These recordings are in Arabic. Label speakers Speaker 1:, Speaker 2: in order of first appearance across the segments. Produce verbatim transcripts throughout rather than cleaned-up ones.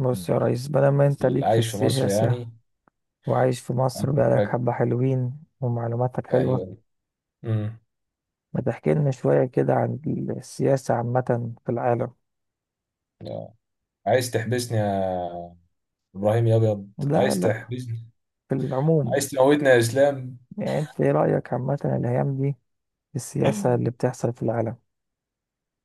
Speaker 1: بص يا ريس، بدل ما انت
Speaker 2: اللي
Speaker 1: ليك في
Speaker 2: عايش في مصر
Speaker 1: السياسة
Speaker 2: يعني.
Speaker 1: وعايش في مصر بقالك
Speaker 2: عاجبك؟
Speaker 1: حبة، حلوين ومعلوماتك حلوة،
Speaker 2: ايوه. امم
Speaker 1: ما تحكي لنا شوية كده عن السياسة عامة في العالم.
Speaker 2: آه. عايز تحبسني يا ابراهيم يا ابيض،
Speaker 1: لا
Speaker 2: عايز
Speaker 1: لا،
Speaker 2: تحبسني.
Speaker 1: في العموم،
Speaker 2: عايز تموتني يا اسلام.
Speaker 1: يعني انت ايه رأيك عامة الأيام دي في السياسة اللي بتحصل في العالم؟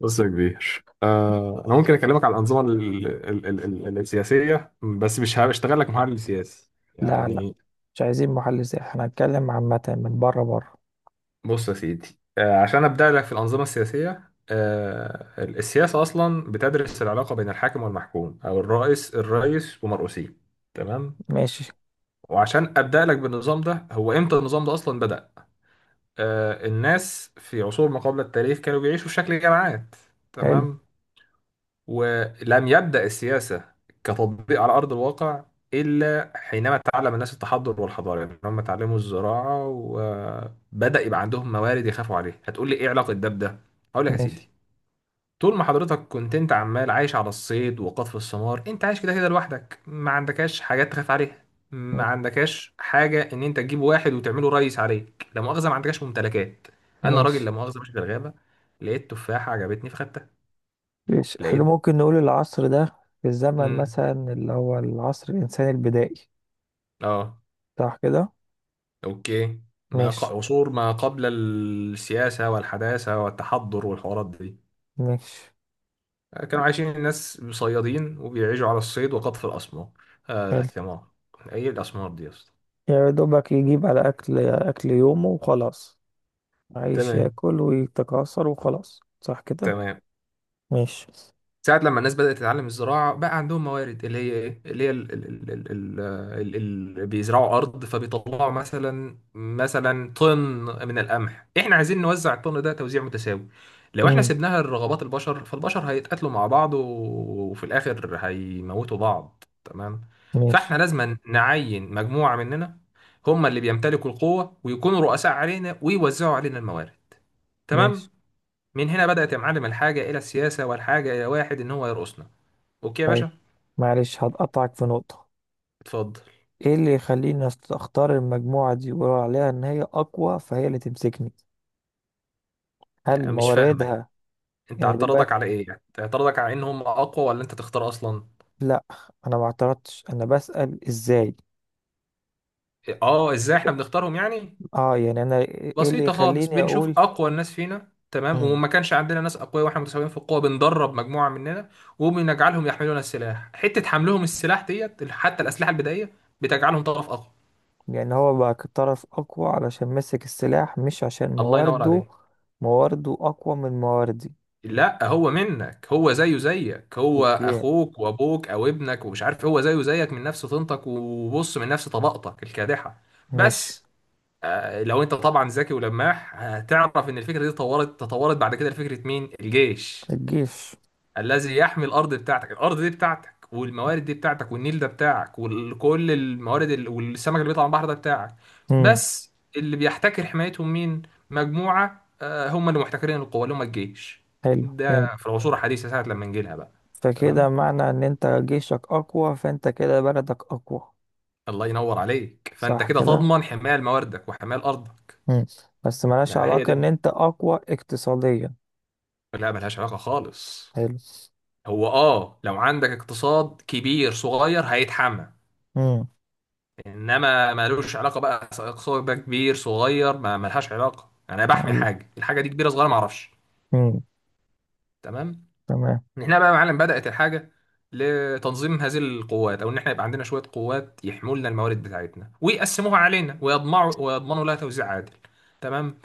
Speaker 2: بص يا كبير، آه انا ممكن اكلمك على الانظمه ال- ال- ال- ال- السياسيه، بس مش هشتغل لك محلل سياسي
Speaker 1: لا لا،
Speaker 2: يعني.
Speaker 1: مش عايزين محلل سياسي، احنا هنتكلم عامة من بره بره.
Speaker 2: بص يا سيدي، آه عشان ابدا لك في الانظمه السياسيه، آه ال- السياسه اصلا بتدرس العلاقه بين الحاكم والمحكوم او الرئيس الرئيس ومرؤوسيه. تمام.
Speaker 1: ماشي.
Speaker 2: وعشان ابدا لك بالنظام ده، هو امتى النظام ده اصلا بدا؟ آه، الناس في عصور ما قبل التاريخ كانوا بيعيشوا في شكل جماعات.
Speaker 1: حلو.
Speaker 2: تمام. ولم يبدا السياسه كتطبيق على ارض الواقع الا حينما تعلم الناس التحضر والحضاره، يعني هم اتعلموا الزراعه وبدا يبقى عندهم موارد يخافوا عليها. هتقول لي ايه علاقه ده بده؟ هقول لك يا
Speaker 1: ماشي.
Speaker 2: سيدي. طول ما حضرتك كنت انت عمال عايش على الصيد وقطف الثمار انت عايش كده كده لوحدك، ما عندكاش حاجات تخاف عليها، ما عندكاش حاجة ان انت تجيب واحد وتعمله ريس عليك، لا مؤاخذة ما عندكاش ممتلكات. انا راجل
Speaker 1: ماشي.
Speaker 2: لا مؤاخذة ماشي في الغابة، لقيت تفاحة عجبتني فخدتها.
Speaker 1: ماشي، احنا
Speaker 2: لقيت.
Speaker 1: ممكن نقول العصر ده في الزمن
Speaker 2: امم
Speaker 1: مثلا اللي هو العصر الإنساني البدائي،
Speaker 2: اه.
Speaker 1: صح كده؟
Speaker 2: اوكي. ما ق...
Speaker 1: ماشي.
Speaker 2: عصور ما قبل السياسة والحداثة والتحضر والحوارات دي
Speaker 1: ماشي.
Speaker 2: كانوا عايشين الناس صيادين، وبيعيشوا على الصيد وقطف الأسمار، آه
Speaker 1: حلو.
Speaker 2: الثمار. ايه الأسمار دي يا اسطى؟
Speaker 1: يا دوبك يجيب على أكل أكل يومه وخلاص، عايش
Speaker 2: تمام.
Speaker 1: ياكل ويتكاثر وخلاص، صح كده؟
Speaker 2: تمام.
Speaker 1: ماشي.
Speaker 2: ساعة لما الناس بدأت تتعلم الزراعة بقى عندهم موارد اللي هي ايه، اللي هي ال ال ال ال ال ال ال بيزرعوا أرض فبيطلعوا مثلا مثلا طن من القمح، احنا عايزين نوزع الطن ده توزيع متساوي. لو احنا
Speaker 1: مم.
Speaker 2: سيبناها لرغبات البشر فالبشر هيتقاتلوا مع بعض و- وفي الآخر هيموتوا بعض. تمام.
Speaker 1: ماشي.
Speaker 2: فاحنا لازم نعين مجموعة مننا هم اللي بيمتلكوا القوة ويكونوا رؤساء علينا ويوزعوا علينا الموارد.
Speaker 1: ماشي.
Speaker 2: تمام. من هنا بدأت يا معلم الحاجة إلى السياسة، والحاجة إلى واحد إن هو يرقصنا. أوكي يا
Speaker 1: طيب،
Speaker 2: باشا.
Speaker 1: معلش هتقطعك في نقطة.
Speaker 2: اتفضل.
Speaker 1: ايه اللي يخليني أست- اختار المجموعة دي ويقولوا عليها ان هي اقوى فهي اللي تمسكني؟ هل
Speaker 2: لا، مش فاهمك.
Speaker 1: مواردها؟
Speaker 2: أنت
Speaker 1: يعني
Speaker 2: اعتراضك
Speaker 1: دلوقتي،
Speaker 2: على إيه؟ يعني اعتراضك على إن هم أقوى، ولا أنت تختار أصلا؟
Speaker 1: لا، انا ما اعترضتش، انا بسأل ازاي.
Speaker 2: آه، إزاي
Speaker 1: ب-
Speaker 2: إحنا بنختارهم يعني.
Speaker 1: اه، يعني انا ايه اللي
Speaker 2: بسيطة خالص،
Speaker 1: يخليني
Speaker 2: بنشوف
Speaker 1: اقول؟
Speaker 2: أقوى الناس فينا. تمام.
Speaker 1: مم.
Speaker 2: وما كانش عندنا ناس أقوياء وإحنا متساويين في القوة بندرب مجموعة مننا وبنجعلهم يحملون السلاح، حتة حملهم السلاح ديت حتى الأسلحة البدائية بتجعلهم طرف أقوى.
Speaker 1: لأن هو بقى طرف أقوى علشان مسك السلاح، مش عشان
Speaker 2: الله ينور
Speaker 1: موارده؟
Speaker 2: عليك.
Speaker 1: موارده أقوى من مواردي؟
Speaker 2: لا هو منك، هو زيه زيك، هو
Speaker 1: أوكي.
Speaker 2: اخوك وابوك او ابنك ومش عارف، هو زيه زيك من نفس طينتك، وبص من نفس طبقتك الكادحه.
Speaker 1: ماشي.
Speaker 2: بس. آه، لو انت طبعا ذكي ولماح هتعرف ان الفكره دي اتطورت، تطورت بعد كده لفكره مين؟ الجيش
Speaker 1: الجيش.
Speaker 2: الذي يحمي الارض بتاعتك. الارض دي بتاعتك، والموارد دي بتاعتك، والنيل ده بتاعك، وكل الموارد ال- والسمك اللي بيطلع من البحر ده بتاعك.
Speaker 1: مم.
Speaker 2: بس اللي بيحتكر حمايتهم مين؟ مجموعة، آه، هم اللي محتكرين القوة اللي هم الجيش.
Speaker 1: حلو،
Speaker 2: ده
Speaker 1: فهمت.
Speaker 2: في العصور الحديثة ساعة لما نجي لها بقى.
Speaker 1: فكده
Speaker 2: تمام.
Speaker 1: معنى إن أنت جيشك أقوى فأنت كده بلدك أقوى،
Speaker 2: الله ينور عليك، فانت
Speaker 1: صح
Speaker 2: كده
Speaker 1: كده؟
Speaker 2: تضمن حماية لمواردك وحماية لارضك.
Speaker 1: مم. بس ملهاش
Speaker 2: ده هي
Speaker 1: علاقة
Speaker 2: دي.
Speaker 1: إن أنت أقوى اقتصاديا.
Speaker 2: لا ملهاش علاقة خالص.
Speaker 1: حلو.
Speaker 2: هو اه، لو عندك اقتصاد كبير صغير هيتحمل،
Speaker 1: مم.
Speaker 2: انما ملوش علاقه بقى. سواء بقى كبير صغير ما ملهاش علاقه، انا بحمي
Speaker 1: أيوه.
Speaker 2: حاجه، الحاجه دي كبيره صغيره ما اعرفش.
Speaker 1: مم.
Speaker 2: تمام.
Speaker 1: تمام.
Speaker 2: من هنا بقى يا معلم بدات الحاجه لتنظيم هذه القوات، او ان احنا يبقى عندنا شويه قوات يحموا لنا الموارد بتاعتنا ويقسموها علينا ويضمعوا ويضمنوا لها توزيع عادل. تمام.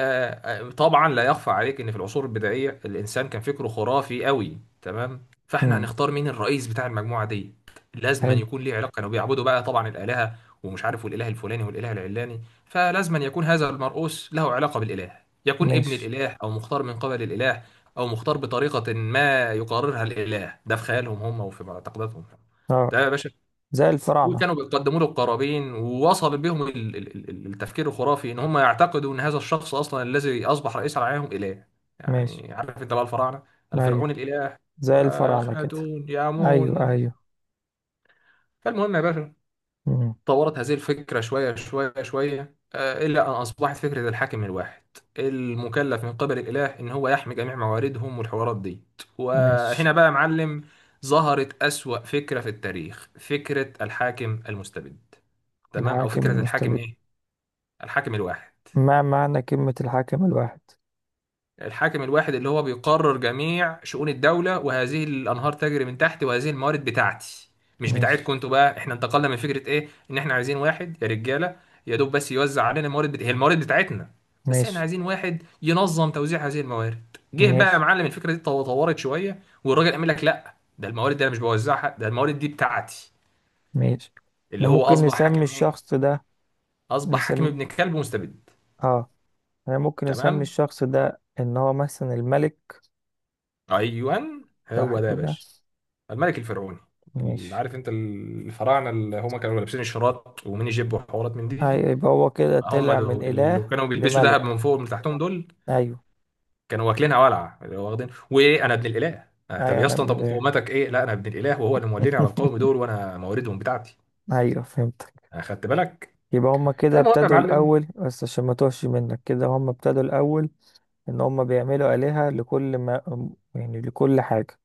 Speaker 2: آه، طبعا لا يخفى عليك ان في العصور البدائيه الانسان كان فكره خرافي قوي. تمام. فاحنا
Speaker 1: مم.
Speaker 2: هنختار مين الرئيس بتاع المجموعه دي؟ لازما
Speaker 1: حلو.
Speaker 2: يكون ليه علاقه، كانوا بيعبدوا بقى طبعا الالهه ومش عارف، والاله الفلاني والاله العلاني، فلازما يكون هذا المرؤوس له علاقه بالاله، يكون ابن
Speaker 1: ماشي.
Speaker 2: الاله او مختار من قبل الاله، او مختار بطريقه ما يقررها الاله، ده في خيالهم هم وفي معتقداتهم.
Speaker 1: اه.
Speaker 2: ده يا باشا.
Speaker 1: زي الفراعنة.
Speaker 2: وكانوا بيقدموا له القرابين، ووصل بهم ال- ال- ال- التفكير الخرافي ان هم يعتقدوا ان هذا الشخص اصلا الذي اصبح رئيسا عليهم اله.
Speaker 1: ماشي.
Speaker 2: يعني عارف انت بقى الفراعنه، الفرعون
Speaker 1: أيوه،
Speaker 2: الاله.
Speaker 1: زي الفراعنة كده.
Speaker 2: واخناتون
Speaker 1: أيوه
Speaker 2: يامون.
Speaker 1: أيوه.
Speaker 2: فالمهم يا باشا،
Speaker 1: مم.
Speaker 2: طورت هذه الفكره شويه شويه شويه آه، الى ان اصبحت فكره الحاكم الواحد المكلف من قبل الاله ان هو يحمي جميع مواردهم والحوارات دي. وهنا
Speaker 1: ماشي.
Speaker 2: بقى يا معلم ظهرت اسوأ فكره في التاريخ، فكره الحاكم المستبد. تمام. او
Speaker 1: الحاكم
Speaker 2: فكره الحاكم
Speaker 1: المستبد.
Speaker 2: ايه؟ الحاكم الواحد.
Speaker 1: ما معنى كلمة الحاكم الواحد؟
Speaker 2: الحاكم الواحد اللي هو بيقرر جميع شؤون الدوله، وهذه الانهار تجري من تحت، وهذه الموارد بتاعتي مش
Speaker 1: ماشي.
Speaker 2: بتاعتكم انتوا. بقى احنا انتقلنا من فكره ايه؟ ان احنا عايزين واحد يا رجاله يا دوب بس يوزع علينا الموارد بت... هي الموارد بتاعتنا، بس احنا
Speaker 1: ماشي.
Speaker 2: عايزين واحد ينظم توزيع هذه الموارد. جه بقى يا
Speaker 1: ماشي.
Speaker 2: معلم الفكره دي طو- طورت شويه، والراجل قال لك لا، ده الموارد دي انا مش بوزعها، ده الموارد دي بتاعتي.
Speaker 1: ماشي، احنا
Speaker 2: اللي هو
Speaker 1: ممكن
Speaker 2: اصبح
Speaker 1: نسمي
Speaker 2: حاكم ايه؟
Speaker 1: الشخص ده،
Speaker 2: اصبح حاكم
Speaker 1: نسمي،
Speaker 2: ابن كلب ومستبد.
Speaker 1: اه، احنا ممكن نسمي
Speaker 2: تمام.
Speaker 1: الشخص ده ان هو مثلا الملك،
Speaker 2: ايوان
Speaker 1: صح
Speaker 2: هو ده يا
Speaker 1: كده؟
Speaker 2: باشا، الملك الفرعوني، اللي
Speaker 1: ماشي.
Speaker 2: عارف انت الفراعنه اللي هم كانوا لابسين الشراط وميني جيب وحوارات من دي.
Speaker 1: ايوه، يبقى هو كده
Speaker 2: هم
Speaker 1: طلع من
Speaker 2: دول اللي
Speaker 1: اله
Speaker 2: كانوا بيلبسوا
Speaker 1: لملك.
Speaker 2: ذهب من فوق ومن تحتهم دول.
Speaker 1: ايوه
Speaker 2: كانوا واكلينها ولعه، اللي هو واخدين وايه انا ابن الاله، آه، طب
Speaker 1: ايوه،
Speaker 2: يا
Speaker 1: انا
Speaker 2: اسطى
Speaker 1: ابن
Speaker 2: طب
Speaker 1: اله.
Speaker 2: مقوماتك ايه؟ لا انا ابن الاله وهو اللي موليني على القوم دول وانا مواردهم بتاعتي.
Speaker 1: ايوه، فهمتك.
Speaker 2: اخدت بالك.
Speaker 1: يبقى هما كده
Speaker 2: فالمهم يا
Speaker 1: ابتدوا
Speaker 2: معلم،
Speaker 1: الاول، بس عشان ما توهش منك كده، هما ابتدوا الاول ان هم بيعملوا آلهة لكل ما، يعني لكل حاجة.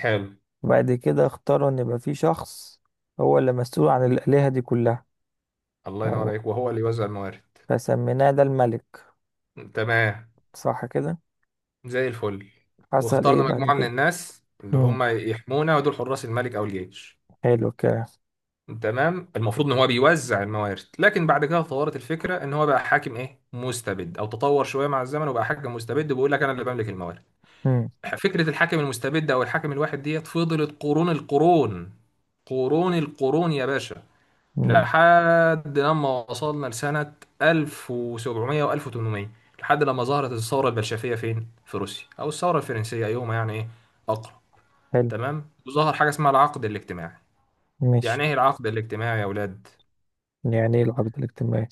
Speaker 2: حلو
Speaker 1: وبعد كده اختاروا ان يبقى في شخص هو اللي مسؤول عن الآلهة دي كلها.
Speaker 2: الله ينور
Speaker 1: أو،
Speaker 2: عليك، وهو اللي يوزع الموارد.
Speaker 1: فسميناه ده الملك،
Speaker 2: تمام
Speaker 1: صح كده؟
Speaker 2: زي الفل.
Speaker 1: حصل ايه
Speaker 2: واخترنا
Speaker 1: بعد
Speaker 2: مجموعه من
Speaker 1: كده؟
Speaker 2: الناس اللي
Speaker 1: امم.
Speaker 2: هم يحمونا، ودول حراس الملك او الجيش.
Speaker 1: حلو الكلام.
Speaker 2: تمام. المفروض ان هو بيوزع الموارد، لكن بعد كده اتطورت الفكره ان هو بقى حاكم ايه مستبد، او تطور شويه مع الزمن وبقى حاكم مستبد، وبيقول لك انا اللي بملك الموارد.
Speaker 1: امم.
Speaker 2: فكره الحاكم المستبد او الحاكم الواحد ديت فضلت قرون القرون قرون القرون يا باشا،
Speaker 1: امم.
Speaker 2: لحد لما وصلنا لسنه ألف وسبعمية و1800، لحد لما ظهرت الثوره البلشفيه فين، في روسيا، او الثوره الفرنسيه ايهما يعني ايه اقرب.
Speaker 1: حلو.
Speaker 2: تمام. وظهر حاجه اسمها العقد الاجتماعي.
Speaker 1: مش،
Speaker 2: يعني ايه العقد الاجتماعي يا اولاد؟
Speaker 1: يعني ايه العبد الاجتماعي؟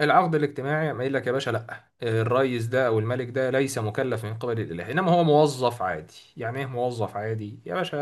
Speaker 2: العقد الاجتماعي قام قايل لك يا باشا لا، الريس ده او الملك ده ليس مكلف من قبل الاله، انما هو موظف عادي. يعني ايه موظف عادي يا باشا؟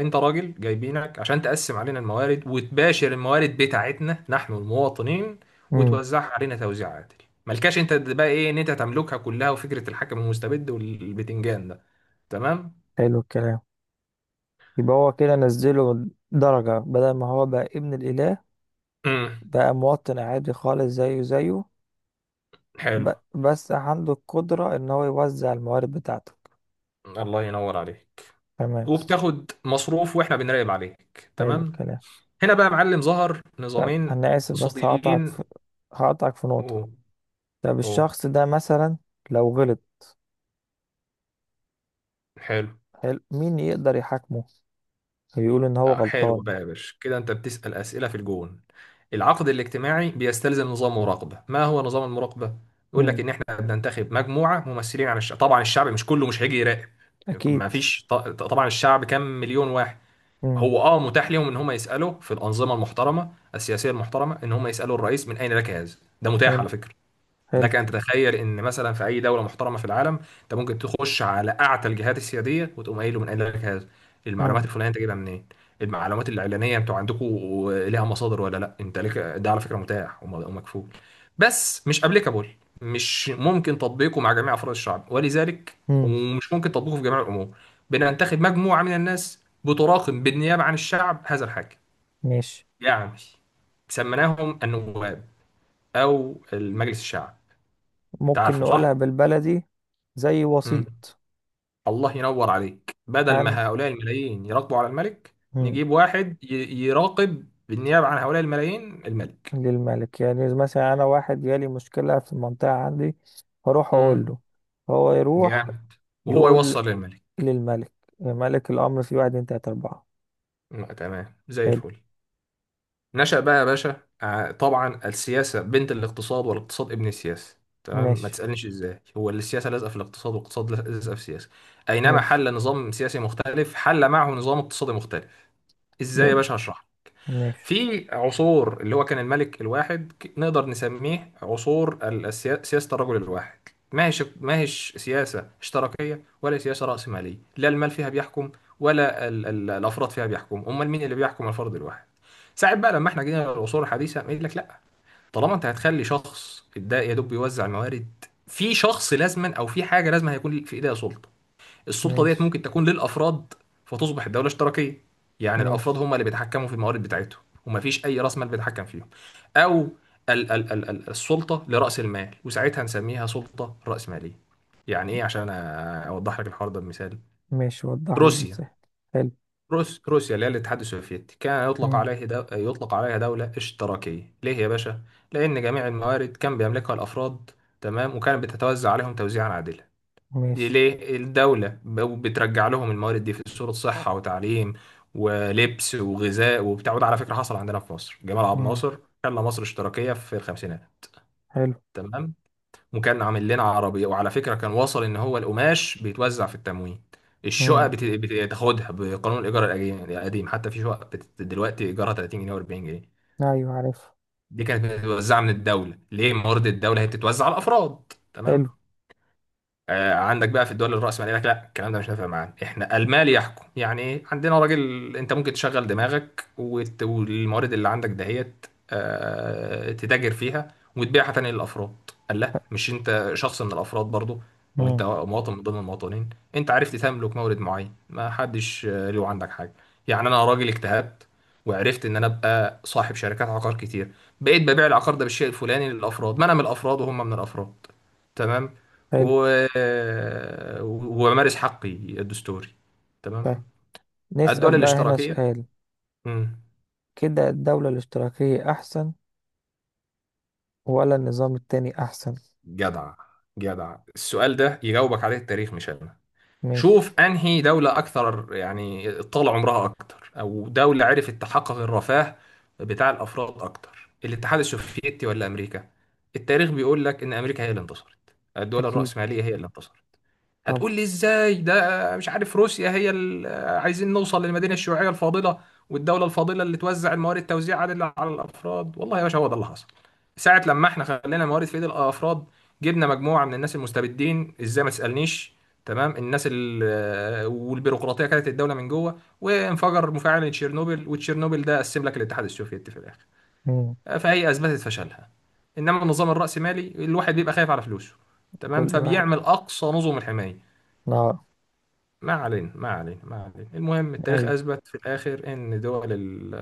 Speaker 2: انت راجل جايبينك عشان تقسم علينا الموارد وتباشر الموارد بتاعتنا نحن المواطنين،
Speaker 1: امم.
Speaker 2: وتوزعها علينا توزيع عادل. ملكاش انت بقى ايه ان انت تملكها كلها، وفكرة الحاكم المستبد والبتنجان ده. تمام.
Speaker 1: حلو الكلام. يبقى هو كده نزله درجة، بدل ما هو بقى ابن الإله
Speaker 2: امم
Speaker 1: بقى مواطن عادي خالص، زيه زيه.
Speaker 2: حلو
Speaker 1: ب- بس عنده القدرة ان هو يوزع الموارد بتاعته.
Speaker 2: الله ينور عليك،
Speaker 1: تمام.
Speaker 2: وبتاخد مصروف واحنا بنراقب عليك.
Speaker 1: حلو
Speaker 2: تمام.
Speaker 1: الكلام.
Speaker 2: هنا بقى يا معلم ظهر
Speaker 1: طب
Speaker 2: نظامين
Speaker 1: انا اسف بس هقطعك
Speaker 2: اقتصاديين.
Speaker 1: في، هقطعك في نقطة.
Speaker 2: اوه.
Speaker 1: طب
Speaker 2: اوه.
Speaker 1: الشخص ده مثلا لو غلط،
Speaker 2: حلو.
Speaker 1: حلو، مين يقدر يحاكمه؟ يقول ان هو
Speaker 2: آه، حلو
Speaker 1: غلطان؟
Speaker 2: بقى يا باشا، كده انت بتسأل أسئلة في الجون. العقد الاجتماعي بيستلزم نظام مراقبة. ما هو نظام المراقبة؟ يقول لك
Speaker 1: امم.
Speaker 2: ان احنا بننتخب مجموعة ممثلين عن الشعب، طبعا الشعب مش كله مش هيجي يراقب.
Speaker 1: اكيد.
Speaker 2: ما فيش ط- طبعا الشعب كام مليون واحد.
Speaker 1: امم.
Speaker 2: هو اه متاح لهم ان هم يسألوا في الأنظمة المحترمة السياسية المحترمة ان هم يسألوا الرئيس من اين لك هذا، ده متاح
Speaker 1: حلو.
Speaker 2: على فكرة.
Speaker 1: حلو.
Speaker 2: لك ان تتخيل ان مثلا في اي دوله محترمه في العالم انت ممكن تخش على اعتى الجهات السياديه وتقوم قايل له من قال لك هذا،
Speaker 1: امم.
Speaker 2: المعلومات الفلانيه انت جايبها منين، المعلومات الاعلانيه انتوا عندكم ليها مصادر ولا لا. انت لك ده على فكره متاح وم- ومكفول، بس مش ابليكابل، مش ممكن تطبيقه مع جميع افراد الشعب، ولذلك
Speaker 1: امم.
Speaker 2: ومش ممكن تطبيقه في جميع الامور. بننتخب مجموعه من الناس بتراقب بالنيابه عن الشعب هذا الحاكم،
Speaker 1: ماشي.
Speaker 2: يعني سميناهم النواب او المجلس الشعب. انت
Speaker 1: ممكن
Speaker 2: عارفه
Speaker 1: نقولها
Speaker 2: صح.
Speaker 1: بالبلدي؟ زي
Speaker 2: مم.
Speaker 1: وسيط؟
Speaker 2: الله ينور عليك، بدل
Speaker 1: عن.
Speaker 2: ما هؤلاء الملايين يراقبوا على الملك
Speaker 1: امم.
Speaker 2: نجيب واحد ي- يراقب بالنيابة عن هؤلاء الملايين الملك.
Speaker 1: للملك، يعني مثلا انا واحد جالي مشكلة في المنطقة عندي، هروح
Speaker 2: مم.
Speaker 1: اقول له، هو يروح
Speaker 2: جامد. وهو
Speaker 1: يقول
Speaker 2: يوصل للملك.
Speaker 1: للملك، ملك الامر في واحد اتنين تلاتة اربعة.
Speaker 2: مم. تمام زي
Speaker 1: حلو.
Speaker 2: الفل. نشأ بقى يا باشا ع- طبعا السياسة بنت الاقتصاد والاقتصاد ابن السياسة. تمام. ما
Speaker 1: ماشي.
Speaker 2: تسألنيش ازاي، هو اللي السياسة لازقة في الاقتصاد والاقتصاد لازقة في السياسة. أينما
Speaker 1: ماشي.
Speaker 2: حل نظام سياسي مختلف حل معه نظام اقتصادي مختلف. ازاي يا
Speaker 1: بم-
Speaker 2: باشا؟ هشرح.
Speaker 1: ماشي.
Speaker 2: في عصور اللي هو كان الملك الواحد ك- نقدر نسميه عصور ال- السيا- سياسة الرجل الواحد. ما هيش ما هيش سياسة اشتراكية ولا سياسة رأسمالية، لا المال فيها بيحكم ولا ال ال الأفراد فيها بيحكم. أمال مين اللي بيحكم؟ الفرد الواحد. ساعات بقى لما احنا جينا للعصور الحديثة يقول لك لا، طالما انت هتخلي شخص ده يا دوب بيوزع الموارد، في شخص لازما او في حاجة لازما هيكون في ايديها سلطة. السلطة ديت
Speaker 1: ماشي.
Speaker 2: ممكن تكون للأفراد، فتصبح الدولة اشتراكية، يعني الأفراد
Speaker 1: ماشي.
Speaker 2: هم اللي بيتحكموا في الموارد بتاعتهم، ومفيش أي رأس مال بيتحكم فيهم. أو ال ال ال ال السلطة لرأس المال، وساعتها نسميها سلطة رأسمالية. يعني إيه؟ عشان أ- أوضح لك الحوار ده بمثال،
Speaker 1: ماشي، وضح لي
Speaker 2: روسيا.
Speaker 1: المساحة. حلو.
Speaker 2: روس روسيا اللي هي الاتحاد السوفيتي كان يطلق
Speaker 1: مم.
Speaker 2: عليه دو... يطلق عليها دولة اشتراكية، ليه يا باشا؟ لأن جميع الموارد كان بيملكها الأفراد. تمام، وكانت بتتوزع عليهم توزيعا عادلا. دي
Speaker 1: ماشي.
Speaker 2: ليه الدولة بترجع لهم الموارد دي في صورة صحة وتعليم ولبس وغذاء وبتاع. وده على فكرة حصل عندنا في مصر، جمال عبد
Speaker 1: مم.
Speaker 2: الناصر خلى مصر اشتراكية في الخمسينات.
Speaker 1: حلو.
Speaker 2: تمام. وكان عامل لنا عربية. وعلى فكرة كان وصل ان هو القماش بيتوزع في التموين، الشقق
Speaker 1: مم.
Speaker 2: بت- بتاخدها بقانون الايجار الأجي- القديم، حتى في شقق بت- دلوقتي ايجارها تلاتين جنيه و40 جنيه.
Speaker 1: أيوة، عارف.
Speaker 2: دي كانت بتتوزع من الدولة ليه، موارد الدولة هي بتتوزع على الافراد.
Speaker 1: حلو.
Speaker 2: تمام. آه، عندك بقى في الدول الرأسمالية لك لا، الكلام ده مش نافع معانا، احنا المال يحكم. يعني ايه؟ عندنا راجل انت ممكن تشغل دماغك وت- والموارد اللي عندك دهيت آه، تتاجر فيها وتبيعها تاني للأفراد، قال لا، مش انت شخص من الأفراد برضو، وانت
Speaker 1: مم.
Speaker 2: مواطن من ضمن المواطنين، انت عرفت تملك مورد معين ما حدش آه، له عندك حاجة. يعني انا راجل اجتهدت وعرفت ان انا ابقى صاحب شركات عقار كتير، بقيت ببيع العقار ده بالشيء الفلاني للأفراد، ما انا من الأفراد وهم من الأفراد. تمام.
Speaker 1: حلو.
Speaker 2: و... وأمارس حقي الدستوري.
Speaker 1: طيب،
Speaker 2: تمام.
Speaker 1: نسأل
Speaker 2: الدول
Speaker 1: بقى هنا
Speaker 2: الاشتراكية.
Speaker 1: سؤال،
Speaker 2: مم.
Speaker 1: كده الدولة الاشتراكية أحسن ولا النظام التاني أحسن؟
Speaker 2: جدع، جدع. السؤال ده يجاوبك عليه التاريخ مش أنا.
Speaker 1: ماشي.
Speaker 2: شوف أنهي دولة أكثر يعني طال عمرها أكتر، أو دولة عرفت تحقق الرفاه بتاع الأفراد أكتر، الاتحاد السوفيتي ولا أمريكا؟ التاريخ بيقول لك إن أمريكا هي اللي انتصرت، الدول
Speaker 1: أكيد،
Speaker 2: الرأسمالية هي اللي انتصرت.
Speaker 1: طبعا.
Speaker 2: هتقول لي ازاي ده مش عارف روسيا هي ال- عايزين نوصل للمدينه الشيوعيه الفاضله والدوله الفاضله اللي توزع الموارد توزيع عادل على الافراد. والله يا باشا هو ده اللي حصل، ساعه لما احنا خلينا الموارد في ايد الافراد جبنا مجموعه من الناس المستبدين. ازاي؟ ما تسالنيش. تمام. الناس ال- والبيروقراطيه كانت الدوله من جوه، وانفجر مفاعل تشيرنوبل، وتشيرنوبل ده قسم لك الاتحاد السوفيتي في الاخر.
Speaker 1: مم.
Speaker 2: فهي اثبتت فشلها. انما النظام الرأسمالي الواحد بيبقى خايف على فلوسه. تمام،
Speaker 1: كل واحد.
Speaker 2: فبيعمل اقصى نظم الحمايه.
Speaker 1: آه.
Speaker 2: ما علينا ما علينا ما علينا المهم التاريخ
Speaker 1: أيوة.
Speaker 2: أثبت في الآخر إن دول ال-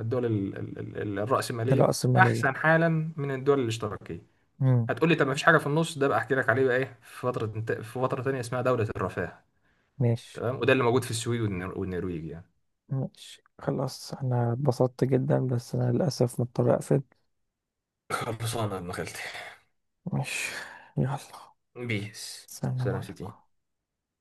Speaker 2: الدول ال- ال- ال- الرأسمالية
Speaker 1: الرأسمالية.
Speaker 2: أحسن حالا من الدول الاشتراكية.
Speaker 1: مم.
Speaker 2: هتقولي طب ما فيش حاجة في النص ده؟ بقى أحكي لك عليه بقى إيه، في فترة، في فترة تانية اسمها دولة الرفاه.
Speaker 1: ماشي.
Speaker 2: تمام. وده اللي موجود في السويد والنر- والنرويج يعني.
Speaker 1: ماشي، خلاص. أنا اتبسطت جدا بس أنا للأسف مضطر أقفل.
Speaker 2: خلصانة يا ابن خالتي.
Speaker 1: ماشي. يلا.
Speaker 2: بيس.
Speaker 1: السلام
Speaker 2: سلام سيتي.
Speaker 1: عليكم.